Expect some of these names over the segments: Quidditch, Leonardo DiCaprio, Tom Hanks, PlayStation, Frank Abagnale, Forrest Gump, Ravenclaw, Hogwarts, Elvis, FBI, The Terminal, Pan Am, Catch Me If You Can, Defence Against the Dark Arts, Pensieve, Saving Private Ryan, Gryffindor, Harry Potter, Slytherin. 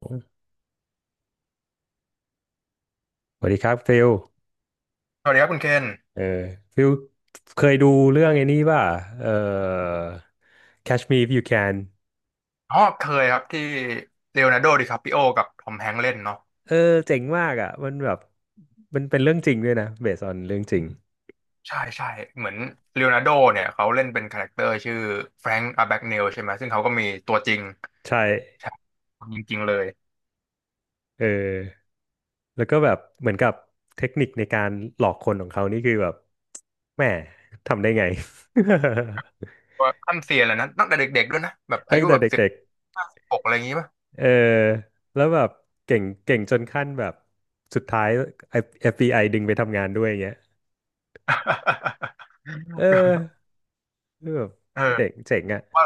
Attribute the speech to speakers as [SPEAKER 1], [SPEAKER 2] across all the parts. [SPEAKER 1] สวัสดีครับฟิล
[SPEAKER 2] สวัสดีครับคุณเคน
[SPEAKER 1] เออฟิลเคยดูเรื่องไอ้นี้ป่ะเออ Catch Me If You Can
[SPEAKER 2] อ๋อเคยครับที่เลโอนาร์โดดิคาปิโอกับทอมแฮงค์เล่นเนาะ
[SPEAKER 1] เออเจ๋งมากอ่ะมันแบบมันเป็นเรื่องจริงด้วยนะ based on เรื่องจริง
[SPEAKER 2] ใช่ใช่เหมือนเลโอนาร์โดเนี่ยเขาเล่นเป็นคาแรคเตอร์ชื่อแฟรงค์อาแบ็กเนลใช่ไหมซึ่งเขาก็มีตัวจริง
[SPEAKER 1] ใช่
[SPEAKER 2] ใช่คนจริงๆเลย
[SPEAKER 1] เออแล้วก็แบบเหมือนกับเทคนิคในการหลอกคนของเขานี่คือแบบแหม่ทำได้ไง
[SPEAKER 2] ต่ขั้นเซียนเลยนะตั้งแต่เด็กๆด้วยนะแบบ อา
[SPEAKER 1] ตั้ง
[SPEAKER 2] ยุ
[SPEAKER 1] แต่
[SPEAKER 2] แบบสิบ
[SPEAKER 1] เด็ก
[SPEAKER 2] ห้าสิบหกอะไรอย่างงี้ป่ะ
[SPEAKER 1] ๆแล้วแบบเก่งจนขั้นแบบสุดท้าย FBI ดึงไปทำงานด้วยอย่างเงี้ยเออ เออแบบ
[SPEAKER 2] เออ
[SPEAKER 1] เจ๋งอะ
[SPEAKER 2] ว่า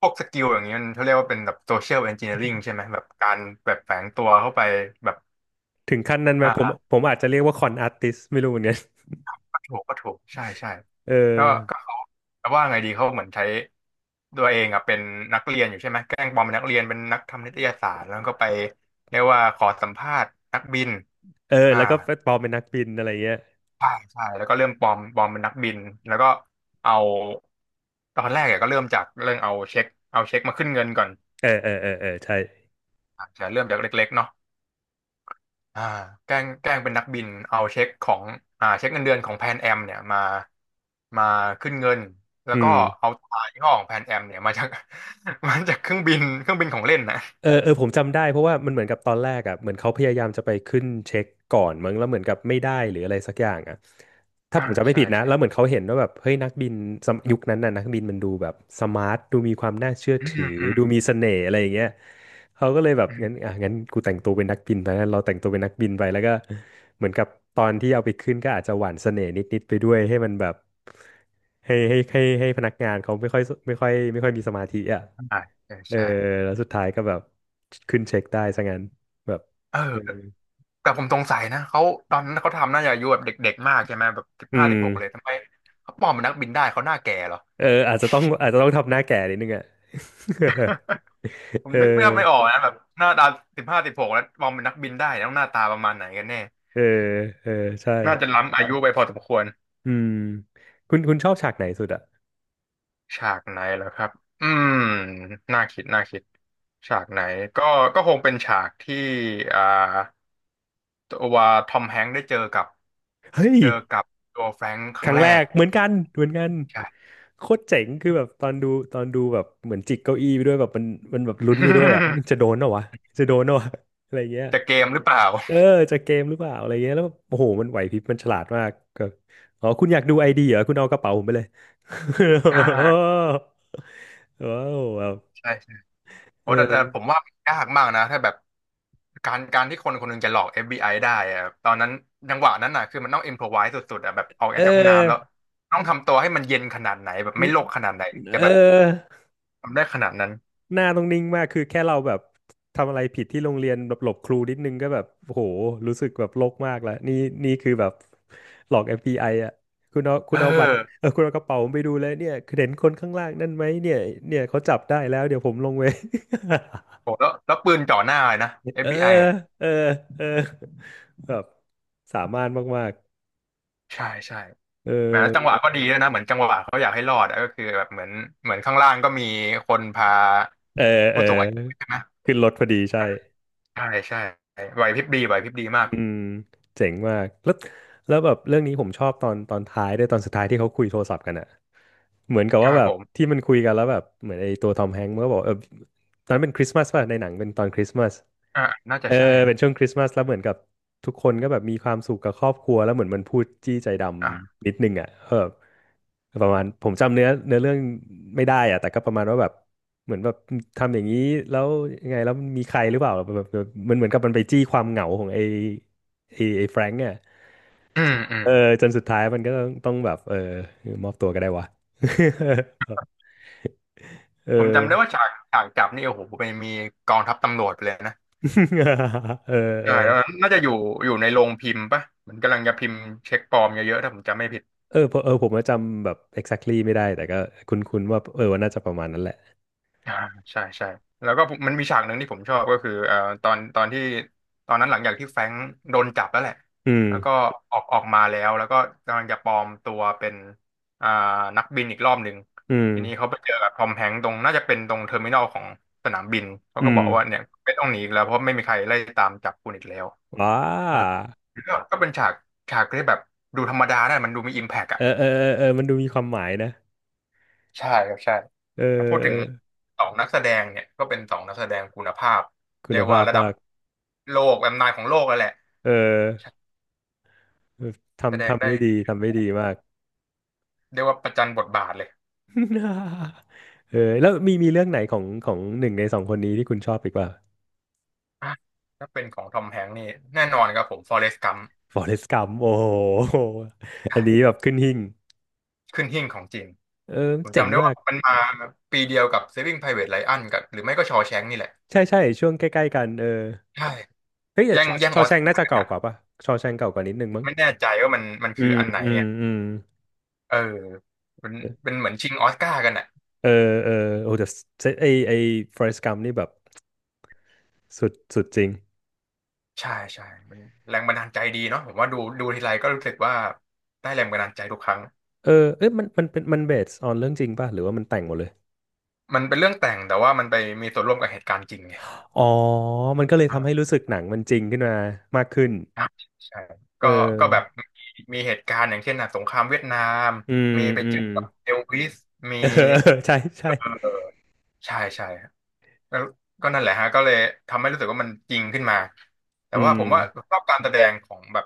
[SPEAKER 2] พวกสกิลอย่างเงี้ยมันเขาเรียกว่าเป็นแบบโซเชียล e n อนจิเนียริงใช่ไหมแบบการแบบแฝงตัวเข้าไปแบบ
[SPEAKER 1] ถึงขั้นนั้นไหม ผมอาจจะเรียกว่าคอนอาร์ติสไม่รู้เหมือนกัน
[SPEAKER 2] ถูกก็ถูกใช่ใช่
[SPEAKER 1] เออ
[SPEAKER 2] ก็ก็เขาแต่ว่าไงดีเขาเหมือนใช้ตัวเองอ่ะเป็นนักเรียนอยู่ใช่ไหมแกล้งปลอมเป็นนักเรียนเป็นนักทำนิตยสารแล้วก็ไปเรียกว่าขอสัมภาษณ์นักบินอ่า
[SPEAKER 1] แล้วก็ปลอมเป็นนักบินอะไรเงี้ย
[SPEAKER 2] ใช่ใช่แล้วก็เริ่มปลอมเป็นนักบินแล้วก็เอาตอนแรกอะก็เริ่มจากเรื่องเอาเช็คเอาเช็คมาขึ้นเงินก่อน
[SPEAKER 1] ใช่
[SPEAKER 2] อาจจะเริ่มจากเล็กๆเนาะ อ่าแกล้งเป็นนักบินเอาเช็คของอ่าเช็คเงินเดือนของแพนแอมเนี่ยมามาขึ้นเงินแล้ว
[SPEAKER 1] อื
[SPEAKER 2] ก็
[SPEAKER 1] ม
[SPEAKER 2] เอาตรายี่ห้อของแพนแอมเนี่ยมาจาก มาจากเครื่องบินของเล่นนะ
[SPEAKER 1] ผมจำได้เพราะว่ามันเหมือนกับตอนแรกอ่ะเหมือนเขาพยายามจะไปขึ้นเช็คก่อนมั้งแล้วเหมือนกับไม่ได้หรืออะไรสักอย่างอ่ะถ้าผ
[SPEAKER 2] อ่า
[SPEAKER 1] มจำไม่
[SPEAKER 2] ใช่
[SPEAKER 1] ผิดนะ
[SPEAKER 2] ใช่
[SPEAKER 1] แล้วเหมือนเขาเห็นว่าแบบเฮ้ยนักบินสมยุคนั้นน่ะนักบินมันดูแบบสมาร์ทดูมีความน่าเชื่อ
[SPEAKER 2] อื
[SPEAKER 1] ถือ
[SPEAKER 2] มอืม
[SPEAKER 1] ดูมีเสน่ห์อะไรอย่างเงี้ยเขาก็เลยแบบ
[SPEAKER 2] อื
[SPEAKER 1] งั้น
[SPEAKER 2] ม
[SPEAKER 1] อ่ะงั้นกูแต่งตัวเป็นนักบินไปงั้นเราแต่งตัวเป็นนักบินไปแล้วก็เหมือนกับตอนที่เอาไปขึ้นก็อาจจะหวานเสน่ห์นิดๆไปด้วยให้มันแบบให้พนักงานเขาไม่ค่อยมีสมาธิอ่ะ
[SPEAKER 2] อ่าใช่
[SPEAKER 1] เออ
[SPEAKER 2] ใช่
[SPEAKER 1] แล้วสุดท้ายก็แบบขึ้นเช็คได้ซะงั้นแบบ
[SPEAKER 2] เอ
[SPEAKER 1] เออ
[SPEAKER 2] อแต่ผมสงสัยนะเขาตอนนั้นเขาทำน่าจะอายุแบบเด็กๆมากใช่ไหมแบบสิบ
[SPEAKER 1] อื
[SPEAKER 2] ห้าสิ
[SPEAKER 1] ม
[SPEAKER 2] บหกเลยทำไมเขาปลอมเป็นนักบินได้เขาหน้าแก่เหรอ
[SPEAKER 1] อาจจะต้องทำหน้าแก่นิดนึงอ่ะ
[SPEAKER 2] ผ ม
[SPEAKER 1] เอ
[SPEAKER 2] นึกไม่ออ
[SPEAKER 1] อ
[SPEAKER 2] กนะแบบหน้าตาสิบห้าสิบหกแล้วมองเป็นนักบินได้ต้องหน้าตาประมาณไหนกันแน่
[SPEAKER 1] เออเออใช่
[SPEAKER 2] น่าจะล้ำอายุไปพอสมควร
[SPEAKER 1] อืมคุณคุณชอบฉากไหนสุดอ่ะ
[SPEAKER 2] ฉากไหนเหรอครับ อืม น่าคิดน่าคิดฉากไหนก็ก็คงเป็นฉากที่อ่าตัวทอมแฮงค์ได้เจอกับ
[SPEAKER 1] เฮ้ย
[SPEAKER 2] เจอกับตัวแฟรงค์ค
[SPEAKER 1] ค
[SPEAKER 2] รั้ง
[SPEAKER 1] รั้ง
[SPEAKER 2] แร
[SPEAKER 1] แร
[SPEAKER 2] ก
[SPEAKER 1] กเหมือนกันเหมือนกัน
[SPEAKER 2] ใช่
[SPEAKER 1] โคตรเจ๋งคือแบบตอนดูแบบเหมือนจิกเก้าอี้ไปด้วยแบบมันมันแบบลุ้นไปด้วยอ่ะมันจะโด นเหรอวะจะโดนเหรอวะอะไรเงี้ย
[SPEAKER 2] จะเกมหรือเปล่า
[SPEAKER 1] เออจากเกมหรือเปล่าอะไรเงี้ยแล้วแบบโอ้โหมันไหวพริบมันฉลาดมากก็อ๋อคุณอยากดูไอดีเหรอคุณเอากระเป๋าผมไปเลย
[SPEAKER 2] อ่า
[SPEAKER 1] ว้าวแบบ
[SPEAKER 2] ใช่ใช่โหแต่แต่
[SPEAKER 1] เออ
[SPEAKER 2] ผมว่ามันยากมากนะถ้าแบบการที่คนคนหนึงจะหลอก FBI ไอได้อะตอนนั้นจังหวะนั้นน่ะคือมันต้องอิมพรไวสสุดๆอะแบบออก
[SPEAKER 1] เอ
[SPEAKER 2] จากห้องน้ำแล้ว
[SPEAKER 1] อ
[SPEAKER 2] ต้องทำตัวให้มันเย็นขนาดไหนแบบไม่โลกขนาดไหนถึงจะ
[SPEAKER 1] เอ
[SPEAKER 2] แบบ
[SPEAKER 1] อ
[SPEAKER 2] ทำได้ขนาดนั้น
[SPEAKER 1] หน้าต้องนิ่งมากคือแค่เราแบบทำอะไรผิดที่โรงเรียนแบบหลบครูนิดนึงก็แบบโอ้โหรู้สึกแบบโลกมากแล้วนี่นี่คือแบบหลอก FBI อฟบีไออ่ะคุณเอาคุ
[SPEAKER 2] เอ
[SPEAKER 1] ณ
[SPEAKER 2] อ
[SPEAKER 1] เอาบัตรคุณเอากระเป๋าผมไปดูเลยเนี่ยคือเห็นคนข้างล่างนั่นไหมเนี่ยเนี่ยเขาจับได้แล้วเดี๋ยวผมลงไป
[SPEAKER 2] โหแล้วแล้วปืนจ่อหน้าเลยนะ
[SPEAKER 1] เออ
[SPEAKER 2] FBI อฟบีไออะ
[SPEAKER 1] เออ เออ แบบสามารถมาก
[SPEAKER 2] ใช่ใช่
[SPEAKER 1] ๆ
[SPEAKER 2] แหมแล้วจังหวะก็ดีด้วยนะเหมือนจังหวะเขาอยากให้รอดอะก็คือแบบเหมือนเหมือนข้างล่างก็มีคนพา
[SPEAKER 1] เออเออ
[SPEAKER 2] ผู้สูงอายุใช่ไหม
[SPEAKER 1] ขึ้นรถพอดีใช่
[SPEAKER 2] ใช่ใช่ไหวพริบดีไหวพริบดีมาก
[SPEAKER 1] อืมเจ๋งมาก แล้วแบบเรื่องนี้ผมชอบตอนท้ายด้วยตอนสุดท้ายที่เขาคุยโทรศัพท์กันอะเหมือนกับ
[SPEAKER 2] ค
[SPEAKER 1] ว่า
[SPEAKER 2] รับ
[SPEAKER 1] แบ
[SPEAKER 2] ผ
[SPEAKER 1] บ
[SPEAKER 2] ม
[SPEAKER 1] ที่มันคุยกันแล้วแบบเหมือนไอ้ตัวทอมแฮงก์มันก็บอกตอนนั้นเป็นคริสต์มาสป่ะในหนังเป็นตอนคริสต์มาส
[SPEAKER 2] อ่าน่าจะ
[SPEAKER 1] เออ
[SPEAKER 2] ใช่นะ
[SPEAKER 1] เป็นช่วงคริสต์มาสแล้วเหมือนกับทุกคนก็แบบมีความสุขกับครอบครัวแล้วเหมือนมันพูดจี้ใจด
[SPEAKER 2] อ่า
[SPEAKER 1] ำนิดนึงอ่ะประมาณผมจำเนื้อเรื่องไม่ได้อ่ะแต่ก็ประมาณว่าแบบเหมือนแบบทำอย่างนี้แล้วยังไงแล้วมีใครหรือเปล่าแบบมันเหมือนกับมันไปจี้ความเหงาของไอ้แฟรงก์อ่ะ
[SPEAKER 2] อืมอื
[SPEAKER 1] เอ
[SPEAKER 2] ม
[SPEAKER 1] อจนสุดท้ายมันก็ต้องแบบมอบตัวก็ได้วะ เออ
[SPEAKER 2] ผมจำได้ว่าฉากฉากจับนี่โอ้โหเป็นมีกองทัพตำรวจไปเลยนะ
[SPEAKER 1] เออเออ
[SPEAKER 2] ใช่แล้วน่าจะอยู่อยู่ในโรงพิมพ์ปะเหมือนกำลังจะพิมพ์เช็คปลอมเยอะๆถ้าผมจำไม่ผิด
[SPEAKER 1] ผมผมว่าจำแบบ exactly ไม่ได้แต่ก็คุ้นๆว่าว่าน่าจะประมาณนั้นแหละ
[SPEAKER 2] อ่าใช่ใช่แล้วก็ผมมันมีฉากหนึ่งที่ผมชอบก็คือตอนตอนที่ตอนนั้นหลังจากที่แฟรงค์โดนจับแล้วแหละ
[SPEAKER 1] อืม
[SPEAKER 2] แล้วก็ออกมาแล้วแล้วก็กำลังจะปลอมตัวเป็นอ่านักบินอีกรอบหนึ่ง
[SPEAKER 1] อืม
[SPEAKER 2] ทีนี้เขาไปเจอกับทอมแฮงค์ตรงน่าจะเป็นตรงเทอร์มินอลของสนามบินเขา
[SPEAKER 1] อื
[SPEAKER 2] ก็
[SPEAKER 1] ม
[SPEAKER 2] บอกว่าเนี่ยไม่ต้องหนีอีกแล้วเพราะไม่มีใครไล่ตามจับคุณอีกแล้ว
[SPEAKER 1] ว้า
[SPEAKER 2] เออก็เป็นฉากฉากที่แบบดูธรรมดานะมันดูมีอิมแพกอะ
[SPEAKER 1] มันดูมีความหมายนะ
[SPEAKER 2] ใช่ครับใช่
[SPEAKER 1] เออเอ
[SPEAKER 2] ถ้าพูดถึง
[SPEAKER 1] อ
[SPEAKER 2] สองนักแสดงเนี่ยก็เป็นสองนักแสดงคุณภาพ
[SPEAKER 1] คุ
[SPEAKER 2] เรี
[SPEAKER 1] ณ
[SPEAKER 2] ยกว่า
[SPEAKER 1] ภาพ
[SPEAKER 2] ระดั
[SPEAKER 1] มา
[SPEAKER 2] บ
[SPEAKER 1] ก
[SPEAKER 2] โลกแบบนานของโลกแล้วแหละ
[SPEAKER 1] เออ
[SPEAKER 2] ใช่แสด
[SPEAKER 1] ทำ
[SPEAKER 2] ง
[SPEAKER 1] ทำ
[SPEAKER 2] ได้
[SPEAKER 1] ได้ดี
[SPEAKER 2] ดีทั้ง
[SPEAKER 1] ทำได้ดี
[SPEAKER 2] คู่
[SPEAKER 1] มาก
[SPEAKER 2] เรียกว่าประจันบทบาทเลย
[SPEAKER 1] แล้วมีเรื่องไหนของของหนึ่งในสองคนนี้ที่คุณชอบอีกป่ะ
[SPEAKER 2] อ่ะถ้าเป็นของทอมแฮงค์นี่แน่นอนครับผมฟอเรสต์กัม
[SPEAKER 1] Forrest Gump โอ้โห อันนี้แบ
[SPEAKER 2] ใช่
[SPEAKER 1] บขึ้นหิ้ง
[SPEAKER 2] ขึ้นหิ้งของจริง
[SPEAKER 1] เออ
[SPEAKER 2] ผม
[SPEAKER 1] เจ๋ง
[SPEAKER 2] จำได้
[SPEAKER 1] มา
[SPEAKER 2] ว่า
[SPEAKER 1] ก
[SPEAKER 2] มันมาปีเดียวกับ Saving Private Ryan กับหรือไม่ก็ชอ s h ง n k นี่แหละ
[SPEAKER 1] ใช่ใช่ช่วงใกล้ๆกัน
[SPEAKER 2] ใช่
[SPEAKER 1] เฮ้ยแต่
[SPEAKER 2] แย่งแย่ง
[SPEAKER 1] ชอ
[SPEAKER 2] ออส
[SPEAKER 1] แชงน่า
[SPEAKER 2] การ์
[SPEAKER 1] จะ
[SPEAKER 2] กัน
[SPEAKER 1] เก่า
[SPEAKER 2] อ่ะ
[SPEAKER 1] กว่าป่ะชอแชงเก่ากว่านิดนึงมั้ง
[SPEAKER 2] ไม่แน่ใจว่ามัน
[SPEAKER 1] อื
[SPEAKER 2] คือ
[SPEAKER 1] ม
[SPEAKER 2] อันไหน
[SPEAKER 1] อืม
[SPEAKER 2] อ่ะ
[SPEAKER 1] อืม
[SPEAKER 2] เออเป็นเป็นเหมือนชิงออสการ์กันอ่ะ
[SPEAKER 1] เออเออโอ้แต่เซตไอไอฟอเรสต์กัมนี่แบบสุดจริง
[SPEAKER 2] ใช่ใช่มันแรงบันดาลใจดีเนาะผมว่าดูดูทีไรก็รู้สึกว่าได้แรงบันดาลใจทุกครั้ง
[SPEAKER 1] เอ้มันมันเป็นมันเบสออนเรื่องจริงป่ะหรือว่ามันแต่งหมดเลย
[SPEAKER 2] มันเป็นเรื่องแต่งแต่ว่ามันไปมีส่วนร่วมกับเหตุการณ์จริงไง
[SPEAKER 1] อ๋อมันก็เลย
[SPEAKER 2] ครั
[SPEAKER 1] ทำให้
[SPEAKER 2] บ
[SPEAKER 1] รู้สึกหนังมันจริงขึ้นมามากขึ้น
[SPEAKER 2] ครับใช่
[SPEAKER 1] เ
[SPEAKER 2] ก็ก็แบบ
[SPEAKER 1] ออ
[SPEAKER 2] มีเหตุการณ์อย่างเช่นน่ะสงครามเวียดนาม
[SPEAKER 1] อืม
[SPEAKER 2] มีไป
[SPEAKER 1] อื
[SPEAKER 2] เจอ
[SPEAKER 1] ม
[SPEAKER 2] กับเอลวิสมี
[SPEAKER 1] เออ ใช่ใช่
[SPEAKER 2] เออใช่ใช่ แล้วก็นั่นแหละฮะก็เลยทำให้รู้สึกว่ามันจริงขึ้นมาแต่
[SPEAKER 1] อื
[SPEAKER 2] ว่า
[SPEAKER 1] ม
[SPEAKER 2] ผมว่าชอบการแสดงของแบบ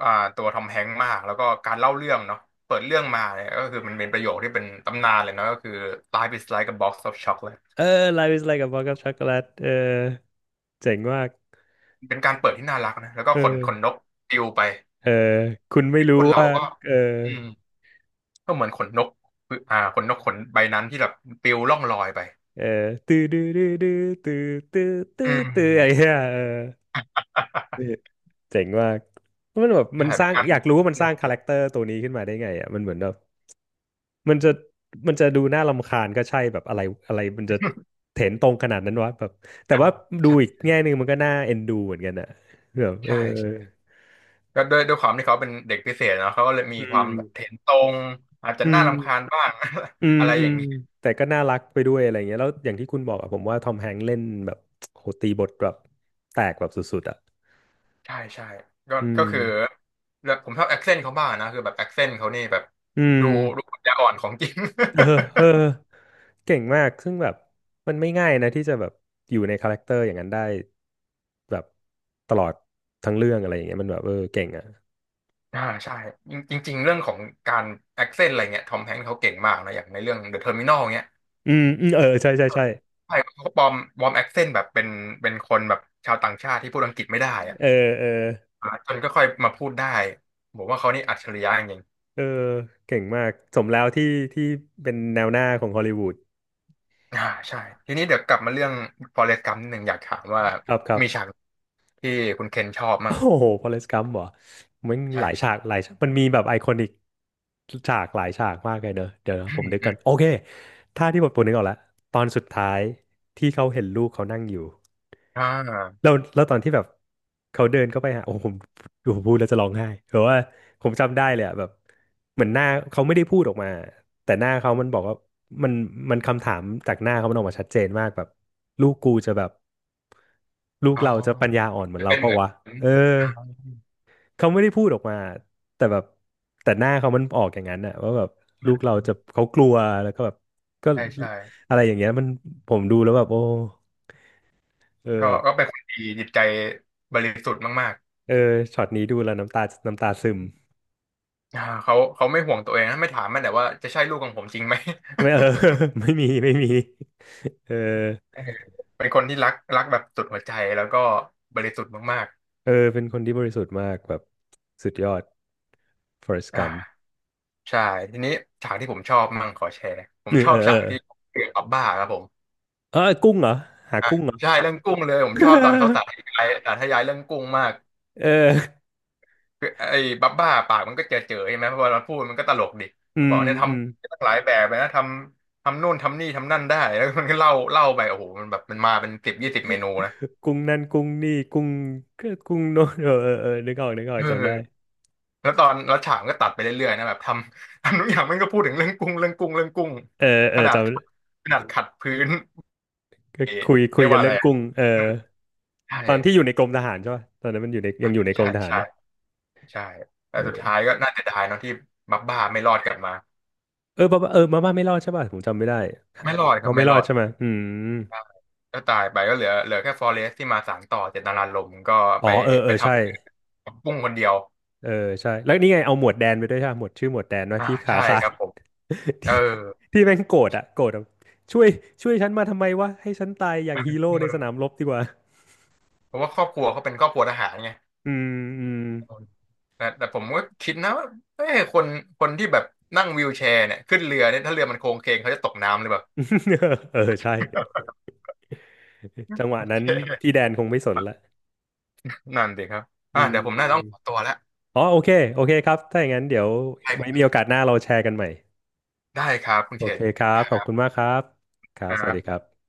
[SPEAKER 2] อ่าตัวทอมแฮงค์มากแล้วก็การเล่าเรื่องเนาะเปิดเรื่องมาเนี่ยก็คือมันเป็นประโยคที่เป็นตำนานเลยเนาะก็คือ Life is like a box of chocolate
[SPEAKER 1] เออ Life is like a box of chocolate เจ๋งมาก
[SPEAKER 2] เป็นการเปิดที่น่ารักนะแล้วก็
[SPEAKER 1] เอ
[SPEAKER 2] ขนขนน
[SPEAKER 1] อ
[SPEAKER 2] กปลิวไป
[SPEAKER 1] เออคุณไม่
[SPEAKER 2] ค
[SPEAKER 1] รู้
[SPEAKER 2] นเรา
[SPEAKER 1] ว่า
[SPEAKER 2] ก็
[SPEAKER 1] เออ
[SPEAKER 2] อืมก็เหมือนขนนกขนนกขนใบนั้นที่แบบปลิวล่องลอยไป
[SPEAKER 1] เออตื้อดื้อดื้อดื้อตื้อตื้อตื้อ
[SPEAKER 2] อืม
[SPEAKER 1] ตื้ออะไรเงี้ยเออ เจ๋งมากมันแบบมั
[SPEAKER 2] ใช่
[SPEAKER 1] นส
[SPEAKER 2] เป็น
[SPEAKER 1] ร้าง
[SPEAKER 2] การ
[SPEAKER 1] อยากรู้ว่ามันสร้างคาแรคเตอร์ตัวนี้ขึ้นมาได้ไงอ่ะมันเหมือนแบบมันจะมันจะดูน่ารำคาญก็ใช่แบบอะไรอะไรมันจะเถ็นตรงขนาดนั้นวะแบบแต่ว่า ดู
[SPEAKER 2] ใช
[SPEAKER 1] อีก
[SPEAKER 2] ่
[SPEAKER 1] แง่หนึ่งมันก็น่าเอ็นดูเหมือนกันอ่ะแบบเออ
[SPEAKER 2] ใช่ ก็ด้วยความที่เขาเป็นเด็กพิเศษเนาะเขาก็เลยมี
[SPEAKER 1] อื
[SPEAKER 2] ควา
[SPEAKER 1] ม
[SPEAKER 2] มแบบเถนตรงอาจจะ
[SPEAKER 1] อื
[SPEAKER 2] น่า
[SPEAKER 1] ม
[SPEAKER 2] รำคาญบ้าง
[SPEAKER 1] อื ม
[SPEAKER 2] อะไร
[SPEAKER 1] อื
[SPEAKER 2] อย่า
[SPEAKER 1] ม
[SPEAKER 2] งนี้
[SPEAKER 1] แต่ก็น่ารักไปด้วยอะไรเงี้ยแล้วอย่างที่คุณบอกอะผมว่าทอมแฮงค์เล่นแบบโหตีบทแบบแตกแบบสุดๆอะ
[SPEAKER 2] ใช่ใช่ก็
[SPEAKER 1] อื
[SPEAKER 2] ก็
[SPEAKER 1] ม
[SPEAKER 2] คือแล้วผมชอบแอคเซนต์เขาบ้างนะคือแบบแอคเซนต์เขานี่แบบ
[SPEAKER 1] อื
[SPEAKER 2] ดู
[SPEAKER 1] ม
[SPEAKER 2] ดูปัญญาอ่อนของจริง
[SPEAKER 1] เออเออเก่งมาก ซึ่งแบบมันไม่ง่ายนะที่จะแบบอยู่ในคาแรคเตอร์อย่างนั้นได้แบบตลอดทั้งเรื่องอะไรอย่างเงี้ยมันแบบเออเก่งอ่ะ
[SPEAKER 2] ใช่จริงจริงๆเรื่องของการแอคเซนต์อะไรเงี้ยทอมแฮงค์เขาเก่งมากนะอย่างในเรื่องเดอะเทอร์มินอลเงี้ย
[SPEAKER 1] อืมอืมเออใช่ใช่ใช่
[SPEAKER 2] ใช่เขาปลอมแอคเซนต์แบบเป็นคนแบบชาวต่างชาติที่พูดอังกฤษไม่ได้อะ
[SPEAKER 1] เออเออ
[SPEAKER 2] จนก็ค่อยมาพูดได้ผมว่าเขานี่อัจฉริยะจริง
[SPEAKER 1] เออเก่งมากสมแล้วที่เป็นแนวหน้าของฮอลลีวูด
[SPEAKER 2] อ่าใช่ทีนี้เดี๋ยวกลับมาเรื่อง Forrest Gump นิดหนึ่งอยากถามว่า
[SPEAKER 1] ครับครับ
[SPEAKER 2] มีฉากที่คุณเคนชอบ
[SPEAKER 1] โอ้
[SPEAKER 2] มั่ง
[SPEAKER 1] โหฟอเรสต์กัมป์เหรอมันห
[SPEAKER 2] ใช่
[SPEAKER 1] ลาย
[SPEAKER 2] ใช่
[SPEAKER 1] ฉากหลายฉากมันมีแบบไอคอนิกฉากหลายฉากมากเลยเนอะเดี๋ยวนะ
[SPEAKER 2] อื
[SPEAKER 1] ผม
[SPEAKER 2] ม
[SPEAKER 1] นึก
[SPEAKER 2] อื
[SPEAKER 1] กัน
[SPEAKER 2] ม
[SPEAKER 1] โอเคถ้าที่ผมนึกออกแล้วตอนสุดท้ายที่เขาเห็นลูกเขานั่งอยู่
[SPEAKER 2] อ่า
[SPEAKER 1] แล้วตอนที่แบบเขาเดินเข้าไปหาโอ้โหผมพูดแล้วจะร้องไห้เพราะว่าผมจำได้เลยอะแบบเหมือนหน้าเขาไม่ได้พูดออกมาแต่หน้าเขามันบอกว่ามันมันคำถามจากหน้าเขามันออกมาชัดเจนมากแบบลูกกูจะแบบลูก
[SPEAKER 2] อ๋อ
[SPEAKER 1] เราจะปัญญาอ่อนเหมือนเรา
[SPEAKER 2] เป็น
[SPEAKER 1] เพ
[SPEAKER 2] เห
[SPEAKER 1] ราะ
[SPEAKER 2] มือน
[SPEAKER 1] วะเออ
[SPEAKER 2] อ่า
[SPEAKER 1] เขาไม่ได้พูดออกมาแต่แบบแต่หน้าเขามันออกอย่างนั้นน่ะว่าแบบลูกเราจะเขากลัวแล้วก็แบบก็
[SPEAKER 2] ใช่ใช่
[SPEAKER 1] อะไรอย่างเงี้ยมันผมดูแล้วแบบโอ้เออ
[SPEAKER 2] ก็
[SPEAKER 1] แบบ
[SPEAKER 2] ก็เป็นคนดีจิตใจบริสุทธิ์มาก
[SPEAKER 1] เออช็อตนี้ดูแล้วน้ำตาซึม
[SPEAKER 2] ๆเขาไม่ห่วงตัวเองนะไม่ถามมันแต่ว่าจะใช่ลูกของผมจริงไหม
[SPEAKER 1] ไม่ เออ ไม่มีไม่มีเออ
[SPEAKER 2] เออ เป็นคนที่รักแบบสุดหัวใจแล้วก็บริสุทธิ์มาก
[SPEAKER 1] เออเป็นคนที่บริสุทธิ์มากแบบสุดยอด Forrest
[SPEAKER 2] ๆ
[SPEAKER 1] Gump
[SPEAKER 2] ใช่ทีนี้ฉากที่ผมชอบมั่งขอแชร์ผ
[SPEAKER 1] เอ
[SPEAKER 2] มช
[SPEAKER 1] อ
[SPEAKER 2] อ
[SPEAKER 1] เอ
[SPEAKER 2] บ
[SPEAKER 1] อเอ
[SPEAKER 2] ฉาก
[SPEAKER 1] อ
[SPEAKER 2] ที่เกี่ยวกับบ้าครับผม
[SPEAKER 1] เออกุ้งเหรอหา
[SPEAKER 2] อ่ะ
[SPEAKER 1] กุ้งเหรอ
[SPEAKER 2] ใช่ เรื่องกุ้งเลยผมชอบตอนเขาสาธยายเรื่องกุ้งมาก
[SPEAKER 1] เออ
[SPEAKER 2] คือไอ้บับบ้าปากมันก็เจอใช่ไหมเพอเราพูดมันก็ตลกดิ
[SPEAKER 1] อื
[SPEAKER 2] มันบอ
[SPEAKER 1] ม
[SPEAKER 2] กเนี่ยท
[SPEAKER 1] อืม
[SPEAKER 2] ำตั้งหลายแบบเลยนะทำนู่นทำนี่ทำนั่นได้แล้วมันก็เล่าไปโอ้โหมันแบบมันมาเป็นสิบยี่สิบเมนูนะ
[SPEAKER 1] กุ้งนั่นกุ้งนี่กุ้งก็กุ้งโน้นเออเออเออนึกออกนึกอ
[SPEAKER 2] เ
[SPEAKER 1] อกจำได้
[SPEAKER 2] ออแล้วตอนแล้วฉากมันก็ตัดไปเรื่อยๆนะแบบทำ ทำทุกอย่างมันก็พูดถึงเรื่องกุ้งเรื่องกุ้งเรื่องกุ้ง
[SPEAKER 1] เออเอ
[SPEAKER 2] ข
[SPEAKER 1] อ
[SPEAKER 2] นา
[SPEAKER 1] จ
[SPEAKER 2] ดขนาดขัดพื้น
[SPEAKER 1] ำก็คุยคุ
[SPEAKER 2] เรี
[SPEAKER 1] ย
[SPEAKER 2] ยก
[SPEAKER 1] กัน
[SPEAKER 2] ว่าอะ
[SPEAKER 1] เรื่
[SPEAKER 2] ไร
[SPEAKER 1] อง
[SPEAKER 2] อะ
[SPEAKER 1] กุ้งเออ
[SPEAKER 2] ใช่
[SPEAKER 1] ตอนที่อยู่ในกรมทหารใช่ป่ะตอนนั้นมันอยู่ในยั
[SPEAKER 2] อ่ะ
[SPEAKER 1] งอยู่ในกร
[SPEAKER 2] ใช่
[SPEAKER 1] มทหาร
[SPEAKER 2] ใช่
[SPEAKER 1] เนี่ย
[SPEAKER 2] ใช่แต่
[SPEAKER 1] เอ
[SPEAKER 2] สุด
[SPEAKER 1] อ
[SPEAKER 2] ท้ายก็น่าเสียดายเนอะที่บับบ้าไม่รอดกลับมา
[SPEAKER 1] เออมาม่าเออมาม่าไม่รอดใช่ป่ะผมจำไม่ได้ครับ
[SPEAKER 2] ไม่รอดครั
[SPEAKER 1] เขา
[SPEAKER 2] บ
[SPEAKER 1] ไม่
[SPEAKER 2] ไม่
[SPEAKER 1] ร
[SPEAKER 2] ร
[SPEAKER 1] อด
[SPEAKER 2] อด
[SPEAKER 1] ใช่ไหมอืม
[SPEAKER 2] ใช่ก็ตายไปก็เหลือแค่ฟอเรสที่มาสานต่อเจตนารมณ์ก็
[SPEAKER 1] อ๋อ
[SPEAKER 2] ไป
[SPEAKER 1] เออเอ
[SPEAKER 2] ไป
[SPEAKER 1] อ
[SPEAKER 2] ท
[SPEAKER 1] ใช่
[SPEAKER 2] ำปุ้งคนเดียว
[SPEAKER 1] เออใช่แล้วนี่ไงเอาหมวดแดนไปด้วยใช่ปะหมวดชื่อหมวดแดนว่าที่ขา
[SPEAKER 2] ใช่
[SPEAKER 1] ขา
[SPEAKER 2] ค
[SPEAKER 1] ด
[SPEAKER 2] รับผม เออ
[SPEAKER 1] ที่ที่แม่งโกรธอะโกรธแบบช่วยช่วยฉันมาทำไมวะให้ฉันตายอย่างฮีโร่ในสนาม
[SPEAKER 2] เออ
[SPEAKER 1] รบดีกว่า
[SPEAKER 2] เพราะว่าครอบครัวเขาเป็นครอบครัวทหารไง
[SPEAKER 1] อืมอืม
[SPEAKER 2] แต่ผมก็คิดนะว่าเอ้ยคนที่แบบนั่งวีลแชร์เนี่ยขึ้นเรือเนี่ยถ้าเรือมันโค้งเคงเขาจะตกน้ำหรือเปล่า
[SPEAKER 1] เออใช่ จั งหวะ
[SPEAKER 2] โอ
[SPEAKER 1] นั้
[SPEAKER 2] เค
[SPEAKER 1] นพี่แดนคงไม่สนละ
[SPEAKER 2] นั่นสิครับ
[SPEAKER 1] อืม
[SPEAKER 2] เดี๋ยวผมน่าจะต้องขอตัวแล้ว
[SPEAKER 1] อ๋อโอเคโอเคครับ ถ้าอย่างนั้นเดี๋ยวไว้
[SPEAKER 2] ไป
[SPEAKER 1] มีโอกาสหน้าเราแชร์กันใหม่
[SPEAKER 2] ได้ครับคุณ
[SPEAKER 1] โอ
[SPEAKER 2] เช
[SPEAKER 1] เค
[SPEAKER 2] น
[SPEAKER 1] ครับ ขอ
[SPEAKER 2] ค
[SPEAKER 1] บคุณมากครับครับ
[SPEAKER 2] รั
[SPEAKER 1] สวัส
[SPEAKER 2] บ
[SPEAKER 1] ดีครับ